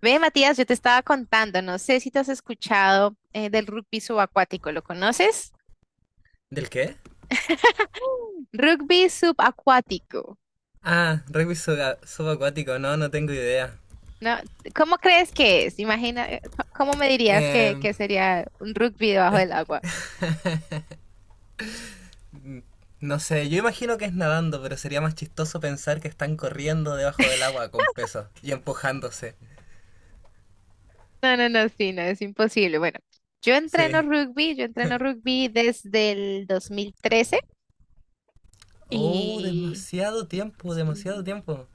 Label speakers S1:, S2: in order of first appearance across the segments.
S1: Ve, Matías, yo te estaba contando, no sé si te has escuchado del rugby subacuático, ¿lo conoces?
S2: ¿Del qué?
S1: Rugby subacuático,
S2: Ah, rugby subacuático, no, no tengo idea.
S1: ¿no? ¿Cómo crees que es? Imagina, ¿cómo me dirías
S2: Eh,
S1: que sería un rugby debajo del agua?
S2: no sé, yo imagino que es nadando, pero sería más chistoso pensar que están corriendo debajo del agua con peso y empujándose.
S1: No, no, no, sí, no, es imposible. Bueno, yo entreno
S2: Sí.
S1: rugby, yo entreno rugby desde el 2013
S2: Oh,
S1: y
S2: demasiado tiempo, demasiado
S1: sí,
S2: tiempo.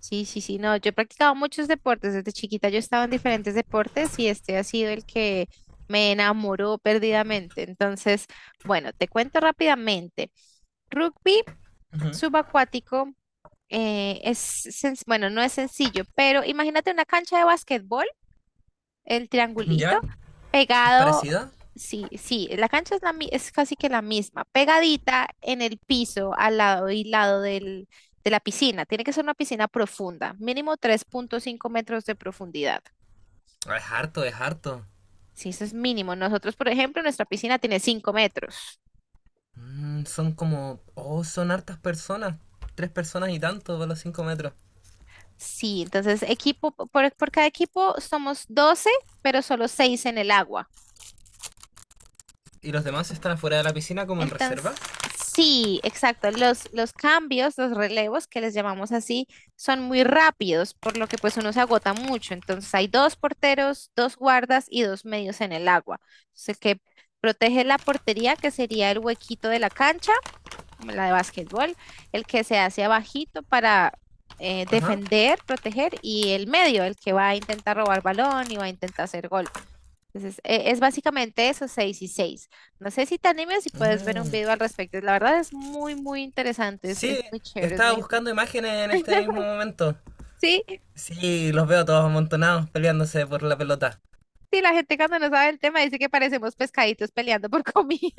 S1: sí, sí, sí, no, yo he practicado muchos deportes, desde chiquita yo estaba en diferentes deportes y este ha sido el que me enamoró perdidamente. Entonces, bueno, te cuento rápidamente. Rugby subacuático eh, es, bueno, no es sencillo, pero imagínate una cancha de básquetbol el
S2: ¿Ya?
S1: triangulito,
S2: ¿Es
S1: pegado,
S2: parecido?
S1: sí, sí, la cancha es, es casi que la misma, pegadita en el piso, al lado y lado de la piscina. Tiene que ser una piscina profunda, mínimo 3,5 metros de profundidad.
S2: Ah, es harto, es harto.
S1: Sí, eso es mínimo. Nosotros, por ejemplo, nuestra piscina tiene 5 metros.
S2: Mm, son como... Oh, son hartas personas. Tres personas y tanto por los 5 metros.
S1: Sí, entonces equipo, por cada equipo somos 12 pero solo 6 en el agua.
S2: ¿Y los demás están afuera de la piscina como en reserva?
S1: Entonces, sí, exacto. Los cambios, los relevos, que les llamamos así, son muy rápidos, por lo que pues uno se agota mucho. Entonces hay dos porteros, dos guardas y dos medios en el agua. Entonces, el que protege la portería, que sería el huequito de la cancha, como la de básquetbol, el que se hace abajito para
S2: Ajá.
S1: defender, proteger, y el medio, el que va a intentar robar balón y va a intentar hacer gol. Entonces, es básicamente eso, 6 y 6. No sé si te animes y puedes ver un
S2: Mm.
S1: video al respecto. La verdad es muy, muy interesante. Es,
S2: Sí,
S1: es muy chévere, es
S2: estaba
S1: muy
S2: buscando
S1: interesante.
S2: imágenes en este mismo momento.
S1: Sí,
S2: Sí, los veo todos amontonados peleándose por la pelota.
S1: sí, la gente cuando no sabe el tema dice que parecemos pescaditos peleando por comida,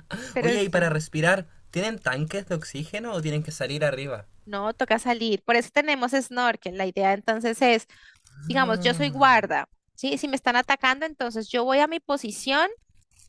S1: pero
S2: Oye, ¿y para
S1: sí.
S2: respirar, tienen tanques de oxígeno o tienen que salir arriba?
S1: No, toca salir. Por eso tenemos snorkel. La idea entonces es, digamos, yo soy
S2: Ah.
S1: guarda, ¿sí? Si me están atacando, entonces yo voy a mi posición.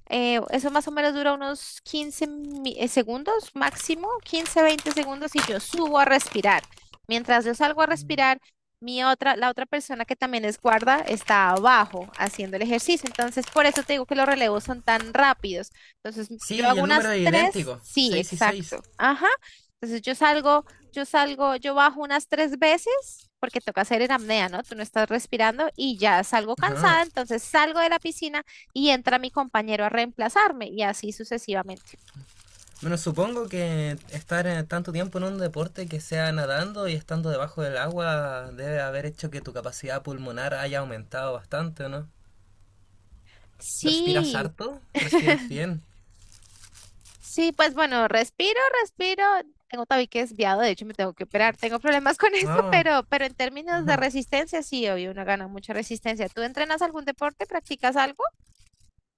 S1: Eso más o menos dura unos 15 segundos máximo, 15 20 segundos y yo subo a respirar. Mientras yo salgo a respirar, la otra persona que también es guarda está abajo haciendo el ejercicio. Entonces, por eso te digo que los relevos son tan rápidos. Entonces, yo
S2: Sí, y
S1: hago
S2: el
S1: unas
S2: número es
S1: tres,
S2: idéntico,
S1: sí,
S2: 6 y 6.
S1: exacto. Ajá. Entonces, yo salgo, yo bajo unas tres veces. Porque toca hacer en apnea, ¿no? Tú no estás respirando y ya salgo
S2: Ajá.
S1: cansada, entonces salgo de la piscina y entra mi compañero a reemplazarme y así sucesivamente.
S2: Bueno, supongo que estar tanto tiempo en un deporte que sea nadando y estando debajo del agua debe haber hecho que tu capacidad pulmonar haya aumentado bastante, ¿o no? ¿Respiras
S1: Sí,
S2: harto? ¿Respiras bien?
S1: sí, pues bueno, respiro, respiro. Tengo tabique desviado, de hecho me tengo que operar. Tengo problemas con eso,
S2: Ah,
S1: pero en términos de resistencia, sí, obvio, uno gana mucha resistencia. ¿Tú entrenas algún deporte? ¿Practicas algo?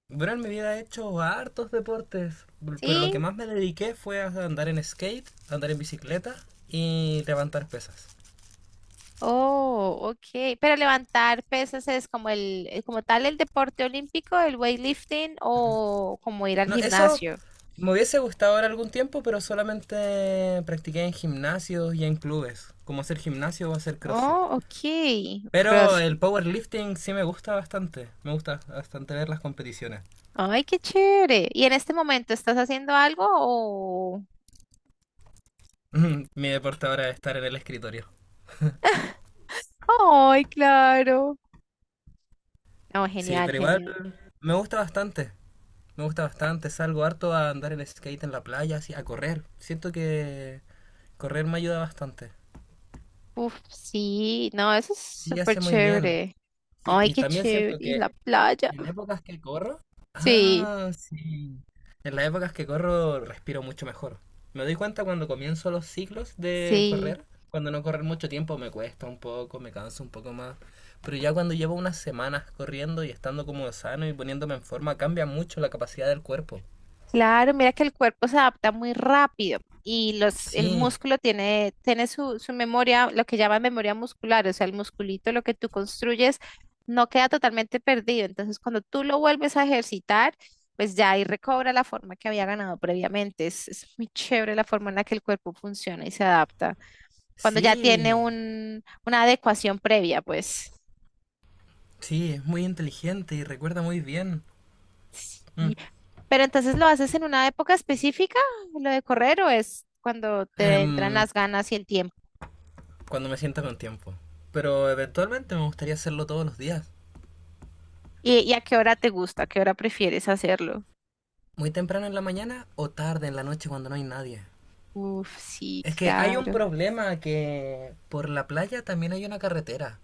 S2: bueno, me hubiera hecho hartos deportes, pero lo que
S1: Sí.
S2: más me dediqué fue a andar en skate, a andar en bicicleta y levantar pesas.
S1: Oh, ok. Pero levantar pesas es como como tal el deporte olímpico, el weightlifting o como ir al
S2: No, eso
S1: gimnasio.
S2: me hubiese gustado ahora algún tiempo, pero solamente practiqué en gimnasios y en clubes, como hacer gimnasio o hacer CrossFit.
S1: Oh, ok.
S2: Pero
S1: Cross.
S2: el powerlifting sí me gusta bastante ver las competiciones.
S1: Ay, qué chévere. ¿Y en este momento estás haciendo algo o?
S2: Mi deporte ahora es estar en el escritorio.
S1: Ay, claro. No,
S2: Sí,
S1: genial,
S2: pero igual
S1: genial.
S2: me gusta bastante. Me gusta bastante, salgo harto a andar en skate en la playa, así, a correr. Siento que correr me ayuda bastante.
S1: Uf, sí, no, eso es
S2: Sí,
S1: súper
S2: hace muy bien.
S1: chévere.
S2: Sí,
S1: Ay,
S2: y
S1: qué
S2: también
S1: chévere.
S2: siento
S1: Y
S2: que
S1: la playa.
S2: en épocas que corro,
S1: Sí,
S2: ah, sí, en las épocas que corro respiro mucho mejor. Me doy cuenta cuando comienzo los ciclos de
S1: sí.
S2: correr, cuando no correr mucho tiempo me cuesta un poco, me canso un poco más, pero ya cuando llevo unas semanas corriendo y estando como sano y poniéndome en forma, cambia mucho la capacidad del cuerpo.
S1: Claro, mira que el cuerpo se adapta muy rápido y el
S2: Sí,
S1: músculo tiene su memoria, lo que llaman memoria muscular, o sea, el musculito, lo que tú construyes, no queda totalmente perdido. Entonces, cuando tú lo vuelves a ejercitar, pues ya ahí recobra la forma que había ganado previamente. Es muy chévere la forma en la que el cuerpo funciona y se adapta. Cuando ya tiene
S2: sí,
S1: una adecuación previa, pues.
S2: sí, es muy inteligente y recuerda muy bien. Mm.
S1: Pero entonces lo haces en una época específica, lo de correr, o es cuando te entran
S2: Em,
S1: las ganas y el tiempo.
S2: Cuando me sienta con tiempo. Pero eventualmente me gustaría hacerlo todos los días.
S1: ¿Y a qué hora te gusta? ¿A qué hora prefieres hacerlo?
S2: Muy temprano en la mañana o tarde en la noche cuando no hay nadie.
S1: Uf, sí,
S2: Es que hay un
S1: claro.
S2: problema que por la playa también hay una carretera.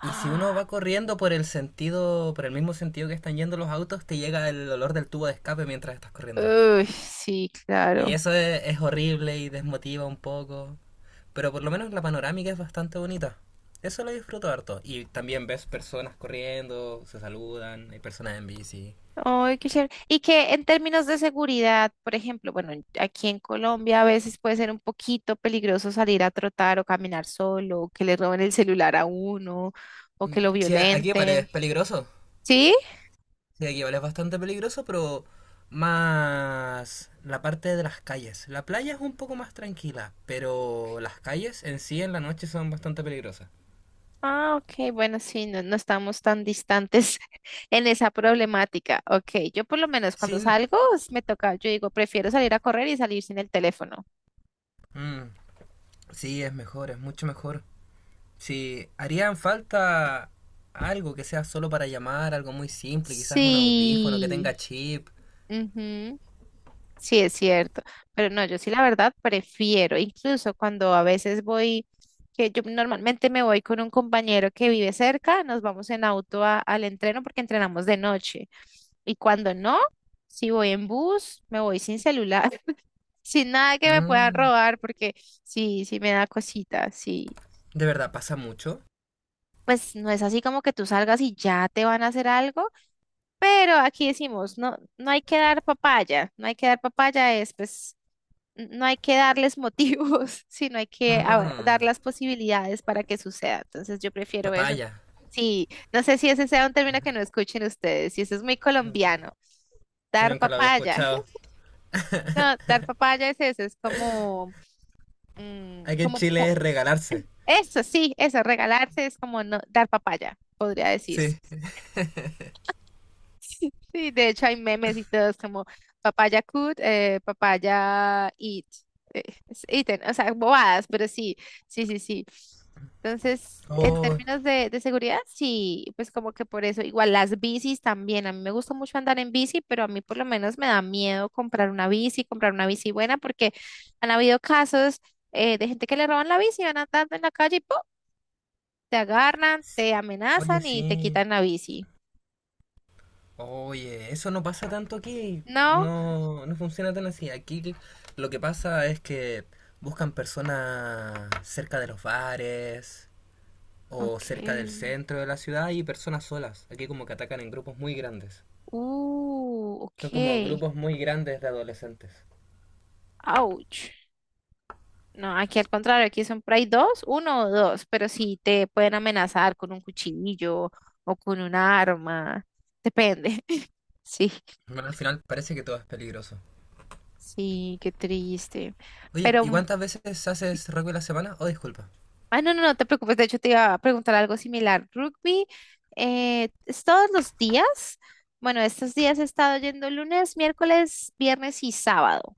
S2: Y si uno va corriendo por el sentido, por el mismo sentido que están yendo los autos, te llega el olor del tubo de escape mientras estás corriendo.
S1: uy, sí,
S2: Y
S1: claro.
S2: eso es horrible y desmotiva un poco. Pero por lo menos la panorámica es bastante bonita. Eso lo disfruto harto. Y también ves personas corriendo, se saludan, hay personas en bici.
S1: Ay, qué chévere. Y que en términos de seguridad, por ejemplo, bueno, aquí en Colombia a veces puede ser un poquito peligroso salir a trotar o caminar solo, o que le roben el celular a uno, o que
S2: Mm,
S1: lo
S2: sí, aquí vale,
S1: violenten.
S2: es peligroso.
S1: ¿Sí?
S2: Sí, aquí vale, es bastante peligroso, pero más la parte de las calles. La playa es un poco más tranquila, pero las calles en sí en la noche son bastante peligrosas.
S1: Ah, ok, bueno, sí, no, no estamos tan distantes en esa problemática. Ok, yo por lo menos cuando
S2: Sí,
S1: salgo me toca, yo digo, prefiero salir a correr y salir sin el teléfono.
S2: mm, sí, es mejor, es mucho mejor. Si harían falta algo que sea solo para llamar, algo muy simple, quizás un audífono que
S1: Sí,
S2: tenga chip.
S1: ujú, sí es cierto, pero no, yo sí la verdad prefiero, incluso cuando a veces voy, que yo normalmente me voy con un compañero que vive cerca, nos vamos en auto al entreno porque entrenamos de noche. Y cuando no, si voy en bus, me voy sin celular, sin nada que me puedan
S2: Mm.
S1: robar, porque sí, sí me da cosita sí.
S2: ¿De verdad pasa mucho?
S1: Pues no es así como que tú salgas y ya te van a hacer algo, pero aquí decimos, no, no hay que dar papaya, no hay que dar papaya es, pues, no hay que darles motivos, sino hay que ver,
S2: Ah,
S1: dar las posibilidades para que suceda. Entonces yo prefiero eso.
S2: papaya.
S1: Sí, no sé si ese sea un término que no escuchen ustedes, y eso es muy colombiano.
S2: Yo
S1: Dar
S2: nunca lo había
S1: papaya.
S2: escuchado.
S1: No, dar papaya es eso, es como,
S2: Aquí en
S1: como
S2: Chile
S1: po-
S2: es regalarse.
S1: Eso sí, eso, regalarse es como no, dar papaya, podría decirse.
S2: Sí.
S1: Sí, de hecho hay memes y todos como papaya could, papaya eat, eh, es eaten, o sea, bobadas, pero sí, sí, sí, sí. Entonces, en
S2: Oh,
S1: términos de seguridad, sí, pues como que por eso, igual las bicis también, a mí me gusta mucho andar en bici, pero a mí por lo menos me da miedo comprar una bici buena, porque han habido casos de gente que le roban la bici, van andando en la calle y ¡pum! Te agarran, te
S2: oye,
S1: amenazan y te
S2: sí.
S1: quitan la bici.
S2: Oye, eso no pasa tanto aquí.
S1: No,
S2: No, no funciona tan así. Aquí lo que pasa es que buscan personas cerca de los bares, o cerca del
S1: ok.
S2: centro de la ciudad hay personas solas. Aquí como que atacan en grupos muy grandes.
S1: Ok.
S2: Son como grupos muy grandes de adolescentes.
S1: Ouch. No, aquí al contrario, aquí son por ahí dos, uno o dos, pero sí te pueden amenazar con un cuchillo o con un arma. Depende. Sí,
S2: Bueno, al final parece que todo es peligroso.
S1: sí, qué triste.
S2: Oye,
S1: Pero
S2: ¿y cuántas veces haces rugby a la semana? Oh, disculpa.
S1: Ah, no, no, no te preocupes. De hecho, te iba a preguntar algo similar. Rugby, ¿es todos los días? Bueno, estos días he estado yendo lunes, miércoles, viernes y sábado.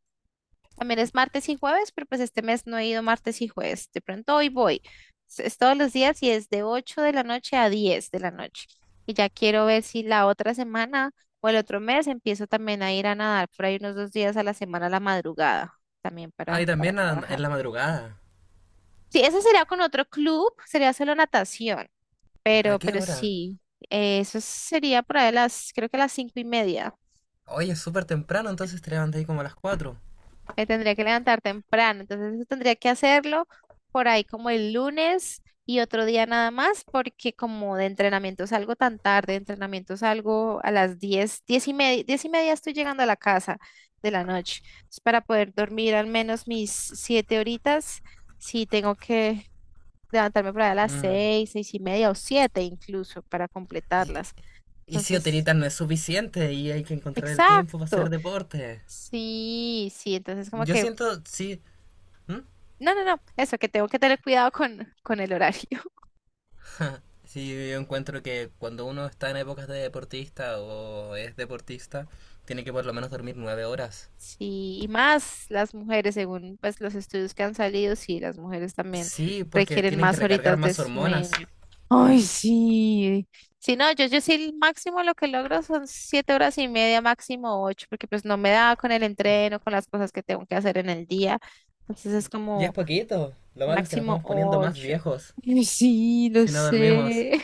S1: También es martes y jueves, pero pues este mes no he ido martes y jueves. De pronto hoy voy. Es todos los días y es de 8 de la noche a 10 de la noche. Y ya quiero ver si la otra semana o el otro mes empiezo también a ir a nadar por ahí unos 2 días a la semana a la madrugada, también
S2: Ah,
S1: para,
S2: y
S1: para
S2: también en
S1: trabajar.
S2: la madrugada.
S1: Sí, ese sería con otro club, sería solo natación,
S2: ¿A
S1: pero,
S2: qué
S1: pero
S2: hora?
S1: sí, eso sería por ahí creo que a las 5:30.
S2: Oye, es súper temprano, entonces te levantas ahí como a las 4.
S1: Me tendría que levantar temprano, entonces eso tendría que hacerlo por ahí como el lunes y otro día nada más, porque como de entrenamiento salgo tan tarde, de entrenamiento salgo a las diez, 10:30 estoy llegando a la casa de la noche. Entonces, para poder dormir al menos mis 7 horitas, sí tengo que levantarme por allá a las
S2: Mm.
S1: seis, seis y media o siete incluso para
S2: Y,
S1: completarlas.
S2: y si
S1: Entonces,
S2: hotelita no es suficiente y hay que encontrar el tiempo para
S1: exacto.
S2: hacer deporte.
S1: Sí, sí, entonces como
S2: Yo
S1: que,
S2: siento, sí. ¿Mm?
S1: no, no, no, eso, que tengo que tener cuidado con el horario.
S2: Sí, yo encuentro que cuando uno está en épocas de deportista o es deportista, tiene que por lo menos dormir 9 horas.
S1: Sí, y más las mujeres, según pues los estudios que han salido, sí, las mujeres también
S2: Sí, porque
S1: requieren
S2: tienen que
S1: más
S2: recargar
S1: horitas de
S2: más hormonas.
S1: sueño. Ay, sí. Sí, no, yo sí el máximo lo que logro son 7 horas y media, máximo ocho, porque pues no me da con el entreno, con las cosas que tengo que hacer en el día. Entonces es
S2: Y es
S1: como
S2: poquito. Lo malo es que nos
S1: máximo
S2: vamos poniendo más
S1: ocho.
S2: viejos
S1: Ay, sí, lo
S2: si no dormimos.
S1: sé.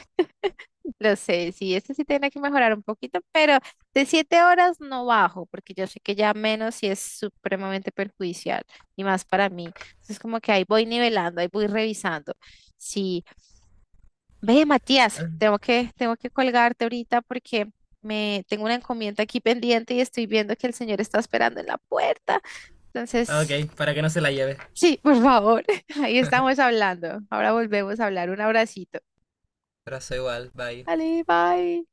S1: Lo sé, sí, este sí tiene que mejorar un poquito, pero de 7 horas no bajo, porque yo sé que ya menos sí es supremamente perjudicial y más para mí. Entonces, como que ahí voy nivelando, ahí voy revisando. Sí, ve, Matías, tengo que colgarte ahorita porque me tengo una encomienda aquí pendiente y estoy viendo que el señor está esperando en la puerta. Entonces,
S2: Ok, para que no se la lleve.
S1: sí, por favor, ahí estamos hablando. Ahora volvemos a hablar. Un abracito.
S2: Abrazo igual, bye.
S1: Dale, bye.